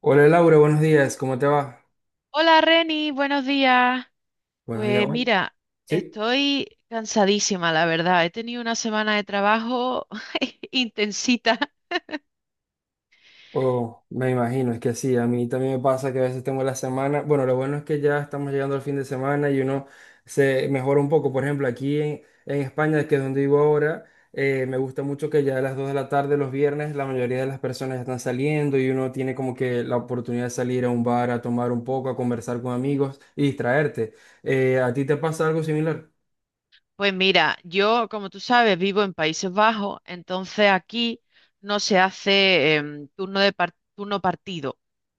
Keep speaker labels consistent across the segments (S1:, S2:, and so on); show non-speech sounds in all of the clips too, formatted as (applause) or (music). S1: Hola Laura, buenos días, ¿cómo te va?
S2: Hola Reni, buenos días.
S1: Buenos días,
S2: Pues
S1: hoy.
S2: mira,
S1: ¿Sí?
S2: estoy cansadísima, la verdad. He tenido una semana de trabajo (laughs) intensita.
S1: Oh, me imagino, es que sí, a mí también me pasa que a veces tengo la semana, bueno, lo bueno es que ya estamos llegando al fin de semana y uno se mejora un poco, por ejemplo, aquí en España, que es donde vivo ahora, me gusta mucho que ya a las 2 de la tarde los viernes la mayoría de las personas ya están saliendo y uno tiene como que la oportunidad de salir a un bar, a tomar un poco, a conversar con amigos y distraerte. ¿A ti te pasa algo similar?
S2: Pues mira, yo, como tú sabes, vivo en Países Bajos, entonces aquí no se hace turno de turno partido.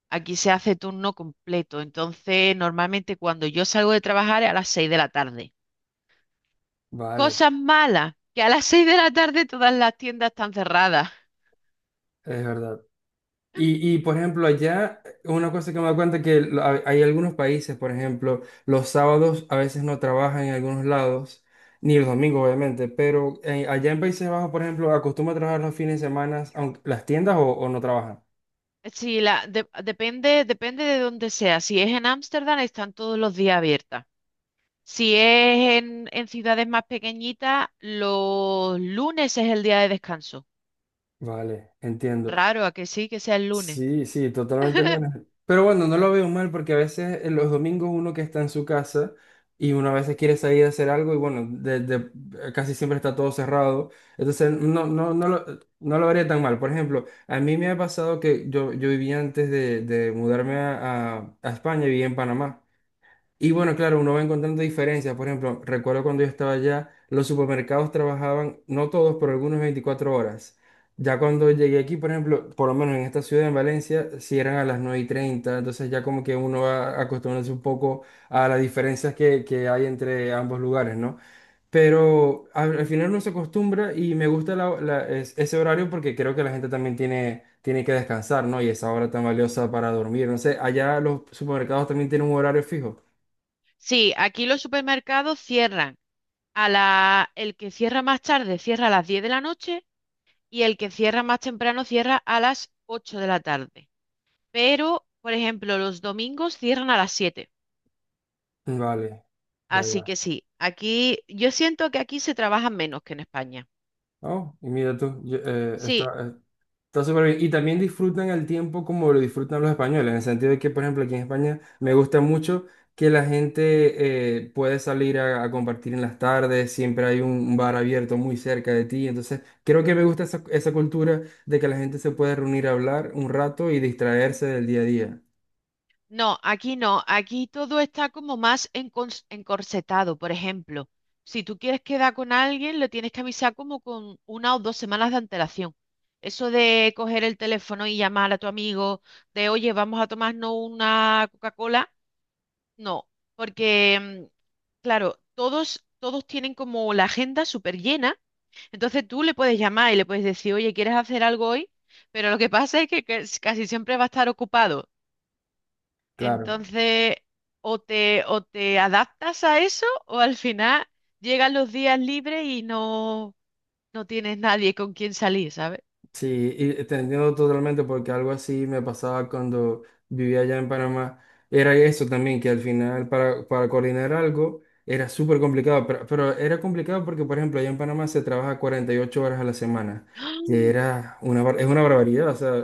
S2: Aquí se hace turno completo. Entonces, normalmente cuando yo salgo de trabajar es a las 6 de la tarde.
S1: Vale,
S2: Cosas malas, que a las 6 de la tarde todas las tiendas están cerradas.
S1: es verdad. Por ejemplo, allá, una cosa que me doy cuenta es que hay algunos países, por ejemplo, los sábados a veces no trabajan en algunos lados, ni los domingos, obviamente, pero allá en Países Bajos, por ejemplo, acostumbran a trabajar los fines de semana, aunque las tiendas o no trabajan.
S2: Sí, la, depende, depende de dónde sea. Si es en Ámsterdam, están todos los días abiertas. Si es en ciudades más pequeñitas, los lunes es el día de descanso.
S1: Vale, entiendo.
S2: Raro a que sí, que sea el lunes.
S1: Sí, sí, totalmente
S2: (laughs)
S1: lunes. Pero bueno, no lo veo mal porque a veces en los domingos uno que está en su casa y uno a veces quiere salir a hacer algo y bueno, casi siempre está todo cerrado. Entonces no lo vería tan mal. Por ejemplo, a mí me ha pasado que yo vivía antes de mudarme a España, vivía en Panamá. Y bueno, claro, uno va encontrando diferencias. Por ejemplo, recuerdo cuando yo estaba allá, los supermercados trabajaban, no todos, pero algunos 24 horas. Ya cuando llegué aquí, por ejemplo, por lo menos en esta ciudad, en Valencia, cierran a las 9 y treinta, entonces ya como que uno va acostumbrándose un poco a las diferencias que hay entre ambos lugares, ¿no? Pero al final uno se acostumbra y me gusta ese horario porque creo que la gente también tiene que descansar, ¿no? Y esa hora tan valiosa para dormir. No sé, allá los supermercados también tienen un horario fijo.
S2: Sí, aquí los supermercados cierran a la, el que cierra más tarde cierra a las 10 de la noche y el que cierra más temprano cierra a las 8 de la tarde. Pero, por ejemplo, los domingos cierran a las 7.
S1: Vale, ya,
S2: Así
S1: ya.
S2: que sí, aquí yo siento que aquí se trabaja menos que en España.
S1: Oh, y mira tú,
S2: Sí,
S1: está súper bien. Y también disfrutan el tiempo como lo disfrutan los españoles, en el sentido de que, por ejemplo, aquí en España me gusta mucho que la gente puede salir a compartir en las tardes, siempre hay un bar abierto muy cerca de ti. Entonces, creo que me gusta esa cultura de que la gente se puede reunir a hablar un rato y distraerse del día a día.
S2: no, aquí no, aquí todo está como más encorsetado. Por ejemplo, si tú quieres quedar con alguien, lo tienes que avisar como con una o dos semanas de antelación. Eso de coger el teléfono y llamar a tu amigo, de oye, vamos a tomarnos una Coca-Cola, no, porque, claro, todos tienen como la agenda súper llena. Entonces tú le puedes llamar y le puedes decir, oye, ¿quieres hacer algo hoy? Pero lo que pasa es que casi siempre va a estar ocupado.
S1: Claro.
S2: Entonces, o te adaptas a eso, o al final llegan los días libres y no, no tienes nadie con quien salir, ¿sabes?
S1: Sí, y te entiendo totalmente porque algo así me pasaba cuando vivía allá en Panamá. Era eso también, que al final para coordinar algo era súper complicado, pero era complicado porque, por ejemplo, allá en Panamá se trabaja 48 horas a la semana, que
S2: (gasps)
S1: era es una barbaridad. O sea,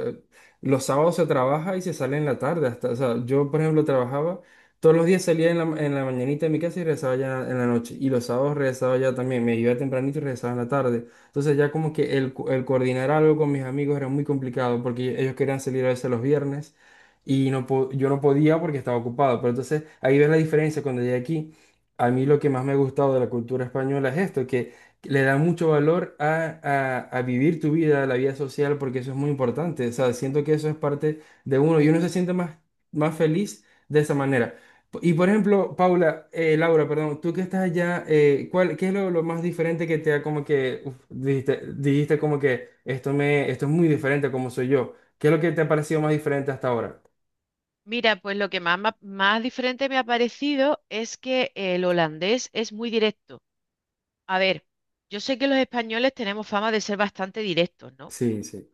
S1: los sábados se trabaja y se sale en la tarde. Hasta, o sea, yo, por ejemplo, trabajaba todos los días, salía en en la mañanita de mi casa y regresaba ya en la noche. Y los sábados regresaba ya también, me iba tempranito y regresaba en la tarde. Entonces ya como que el coordinar algo con mis amigos era muy complicado porque ellos querían salir a veces los viernes y yo no podía porque estaba ocupado. Pero entonces ahí ves la diferencia cuando llegué aquí. A mí lo que más me ha gustado de la cultura española es esto, que le da mucho valor a vivir tu vida, la vida social, porque eso es muy importante. O sea, siento que eso es parte de uno y uno se siente más, más feliz de esa manera. Y por ejemplo, Paula, Laura, perdón, tú que estás allá, ¿cuál, qué es lo más diferente que te ha como que, uf, dijiste, dijiste como que esto me, esto es muy diferente a como soy yo? ¿Qué es lo que te ha parecido más diferente hasta ahora?
S2: Mira, pues lo que más, más diferente me ha parecido es que el holandés es muy directo. A ver, yo sé que los españoles tenemos fama de ser bastante directos, ¿no?
S1: Sí, sí,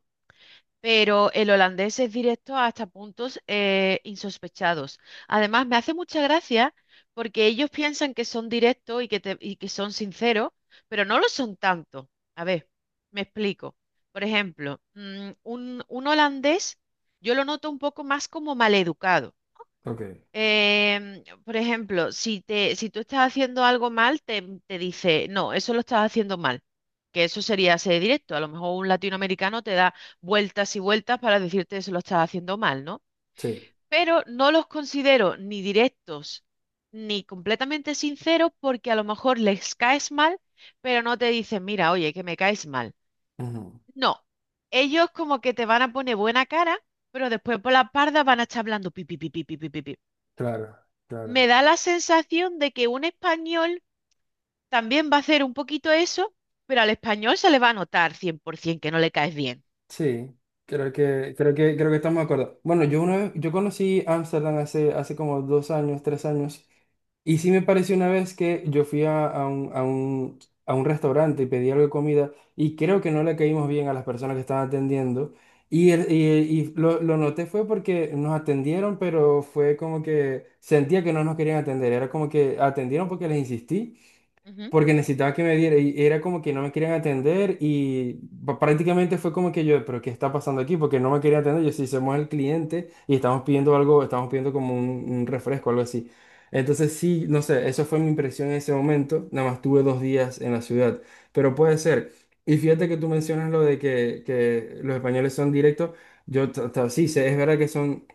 S2: Pero el holandés es directo hasta puntos insospechados. Además, me hace mucha gracia porque ellos piensan que son directos y que son sinceros, pero no lo son tanto. A ver, me explico. Por ejemplo, un holandés yo lo noto un poco más como maleducado.
S1: ok,
S2: Por ejemplo, si tú estás haciendo algo mal, te dice, no, eso lo estás haciendo mal, que eso sería ser directo. A lo mejor un latinoamericano te da vueltas y vueltas para decirte eso lo estás haciendo mal, ¿no?
S1: sí.
S2: Pero no los considero ni directos ni completamente sinceros porque a lo mejor les caes mal, pero no te dicen, mira, oye, que me caes mal.
S1: Ujú.
S2: No, ellos como que te van a poner buena cara, pero después por la parda van a estar hablando pipi, pipi, pipi, pipi.
S1: Claro, claro,
S2: Me da la sensación de que un español también va a hacer un poquito eso, pero al español se le va a notar 100% que no le caes bien.
S1: sí, creo que estamos de acuerdo. Bueno, yo una vez, yo conocí Ámsterdam hace como dos años, tres años. Y sí me pareció una vez que yo fui a un restaurante y pedí algo de comida y creo que no le caímos bien a las personas que estaban atendiendo. Lo noté fue porque nos atendieron, pero fue como que sentía que no nos querían atender. Era como que atendieron porque les insistí
S2: Ujú.
S1: porque necesitaba que me diera y era como que no me querían atender y prácticamente fue como que yo, pero ¿qué está pasando aquí? Porque no me querían atender, yo sí somos el cliente y estamos pidiendo algo, estamos pidiendo como un refresco, algo así. Entonces sí, no sé, eso fue mi impresión en ese momento, nada más tuve dos días en la ciudad, pero puede ser. Y fíjate que tú mencionas lo de que los españoles son directos, sí, sé, es verdad que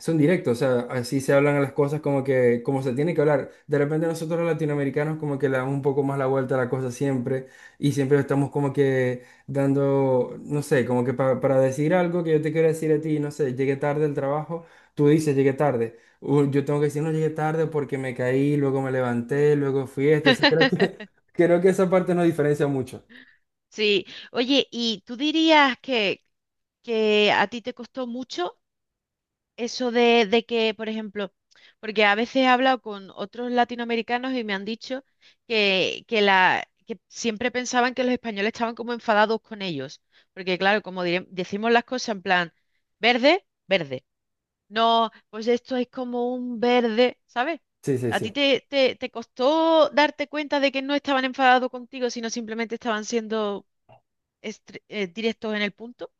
S1: son directos, o sea, así se hablan las cosas como que, como se tiene que hablar. De repente nosotros los latinoamericanos como que le damos un poco más la vuelta a la cosa siempre y siempre estamos como que dando, no sé, como que para decir algo que yo te quiero decir a ti, no sé, llegué tarde al trabajo, tú dices llegué tarde. Yo tengo que decir no llegué tarde porque me caí, luego me levanté, luego fui esto, o sea, creo que,
S2: (laughs)
S1: (laughs) creo que esa parte nos diferencia mucho.
S2: Sí, oye, ¿y tú dirías que a ti te costó mucho eso de que, por ejemplo, porque a veces he hablado con otros latinoamericanos y me han dicho que siempre pensaban que los españoles estaban como enfadados con ellos, porque claro, como decimos las cosas en plan, verde, verde, no, pues esto es como un verde, ¿sabes?
S1: Sí, sí,
S2: ¿A ti
S1: sí.
S2: te, te costó darte cuenta de que no estaban enfadados contigo, sino simplemente estaban siendo... Directos en el punto.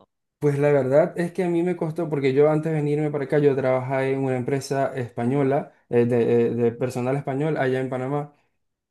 S1: Pues la verdad es que a mí me costó, porque yo antes de venirme para acá, yo trabajaba en una empresa española, de personal español allá en Panamá.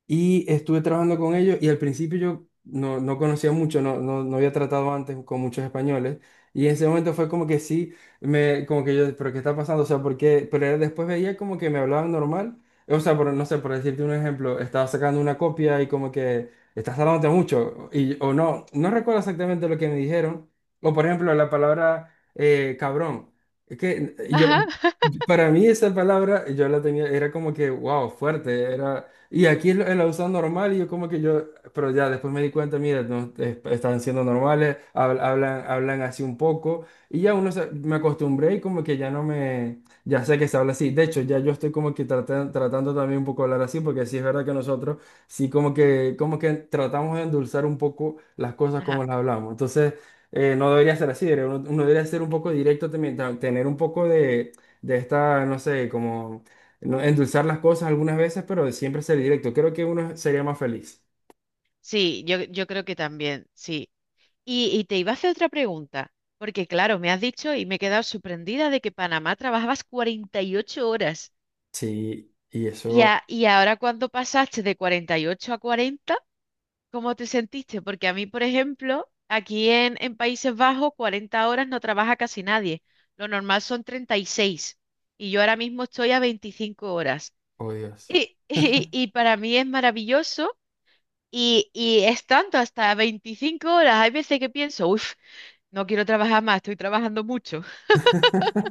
S1: Y estuve trabajando con ellos y al principio yo no conocía mucho, no había tratado antes con muchos españoles. Y en ese momento fue como que sí, me, como que yo, pero ¿qué está pasando? O sea, ¿por qué? Pero después veía como que me hablaban normal. O sea, por, no sé, por decirte un ejemplo, estaba sacando una copia y como que estás tardándote mucho. Y, o no, no recuerdo exactamente lo que me dijeron. O por ejemplo, la palabra cabrón. Es que yo,
S2: Ajá. (laughs)
S1: para mí esa palabra yo la tenía, era como que, wow, fuerte, era... Y aquí lo usan normal y yo como que yo, pero ya después me di cuenta, mira, no, están siendo normales, hablan, hablan así un poco y ya uno me acostumbré y como que ya no me, ya sé que se habla así. De hecho, ya yo estoy como que tratando también un poco de hablar así porque sí es verdad que nosotros sí como que tratamos de endulzar un poco las cosas como
S2: Ajá.
S1: las hablamos. Entonces, no debería ser así, uno, uno debería ser un poco directo también, tener un poco de esta, no sé, como no, endulzar las cosas algunas veces, pero de siempre ser directo. Creo que uno sería más feliz.
S2: Sí, yo creo que también, sí. Y te iba a hacer otra pregunta, porque claro, me has dicho y me he quedado sorprendida de que Panamá trabajabas 48 horas.
S1: Sí, y
S2: Y,
S1: eso,
S2: y ahora cuando pasaste de 48 a 40, ¿cómo te sentiste? Porque a mí, por ejemplo, aquí en Países Bajos, 40 horas no trabaja casi nadie. Lo normal son 36 y yo ahora mismo estoy a 25 horas.
S1: oh Dios.
S2: Y (laughs) y para mí es maravilloso. Y es tanto, hasta 25 horas. Hay veces que pienso, uff, no quiero trabajar más, estoy trabajando mucho.
S1: (laughs)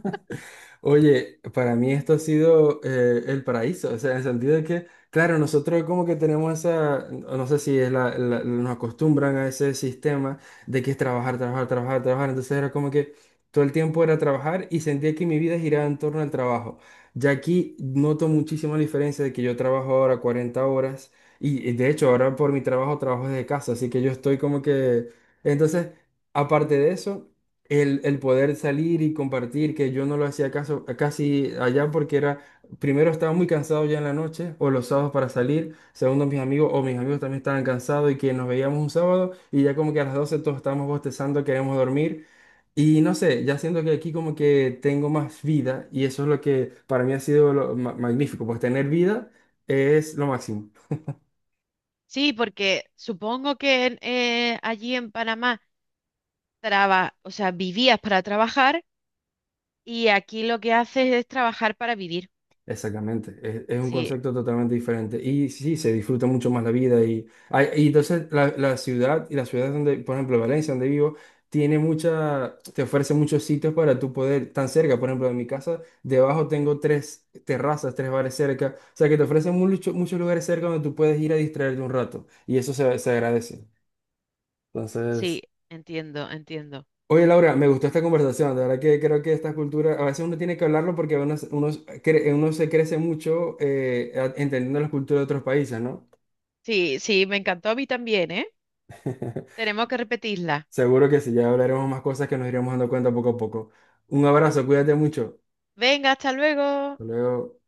S1: Oye, para mí esto ha sido el paraíso, o sea, en el sentido de que, claro, nosotros como que tenemos esa, no sé si es nos acostumbran a ese sistema de que es entonces era como que todo el tiempo era trabajar y sentía que mi vida giraba en torno al trabajo. Ya aquí noto muchísimo la diferencia de que yo trabajo ahora 40 horas y de hecho ahora por mi trabajo trabajo desde casa, así que yo estoy como que, entonces... Aparte de eso, el poder salir y compartir, que yo no lo hacía caso, casi allá porque era, primero estaba muy cansado ya en la noche o los sábados para salir, segundo mis amigos o mis amigos también estaban cansados y que nos veíamos un sábado y ya como que a las 12 todos estábamos bostezando, queríamos dormir y no sé, ya siento que aquí como que tengo más vida y eso es lo que para mí ha sido lo magnífico, pues tener vida es lo máximo.
S2: Sí, porque supongo que en, allí en Panamá traba, o sea, vivías para trabajar y aquí lo que haces es trabajar para vivir.
S1: Exactamente, es un
S2: Sí,
S1: concepto totalmente diferente y sí, se disfruta mucho más la vida y, ay, y entonces la ciudad donde, por ejemplo, Valencia, donde vivo, tiene mucha, te ofrece muchos sitios para tú poder, tan cerca, por ejemplo, de mi casa, debajo tengo tres terrazas, tres bares cerca, o sea que te ofrecen muchos lugares cerca donde tú puedes ir a distraerte un rato y eso se, se agradece. Entonces...
S2: sí, entiendo, entiendo.
S1: Oye, Laura, me gustó esta conversación. De verdad que creo que esta cultura, a veces uno tiene que hablarlo porque uno, uno se crece mucho entendiendo la cultura de otros países, ¿no?
S2: Sí, sí, me encantó a mí también, ¿eh?
S1: (laughs)
S2: Tenemos que repetirla.
S1: Seguro que sí, ya hablaremos más cosas que nos iremos dando cuenta poco a poco. Un abrazo, cuídate mucho.
S2: Venga, hasta luego.
S1: Hasta luego.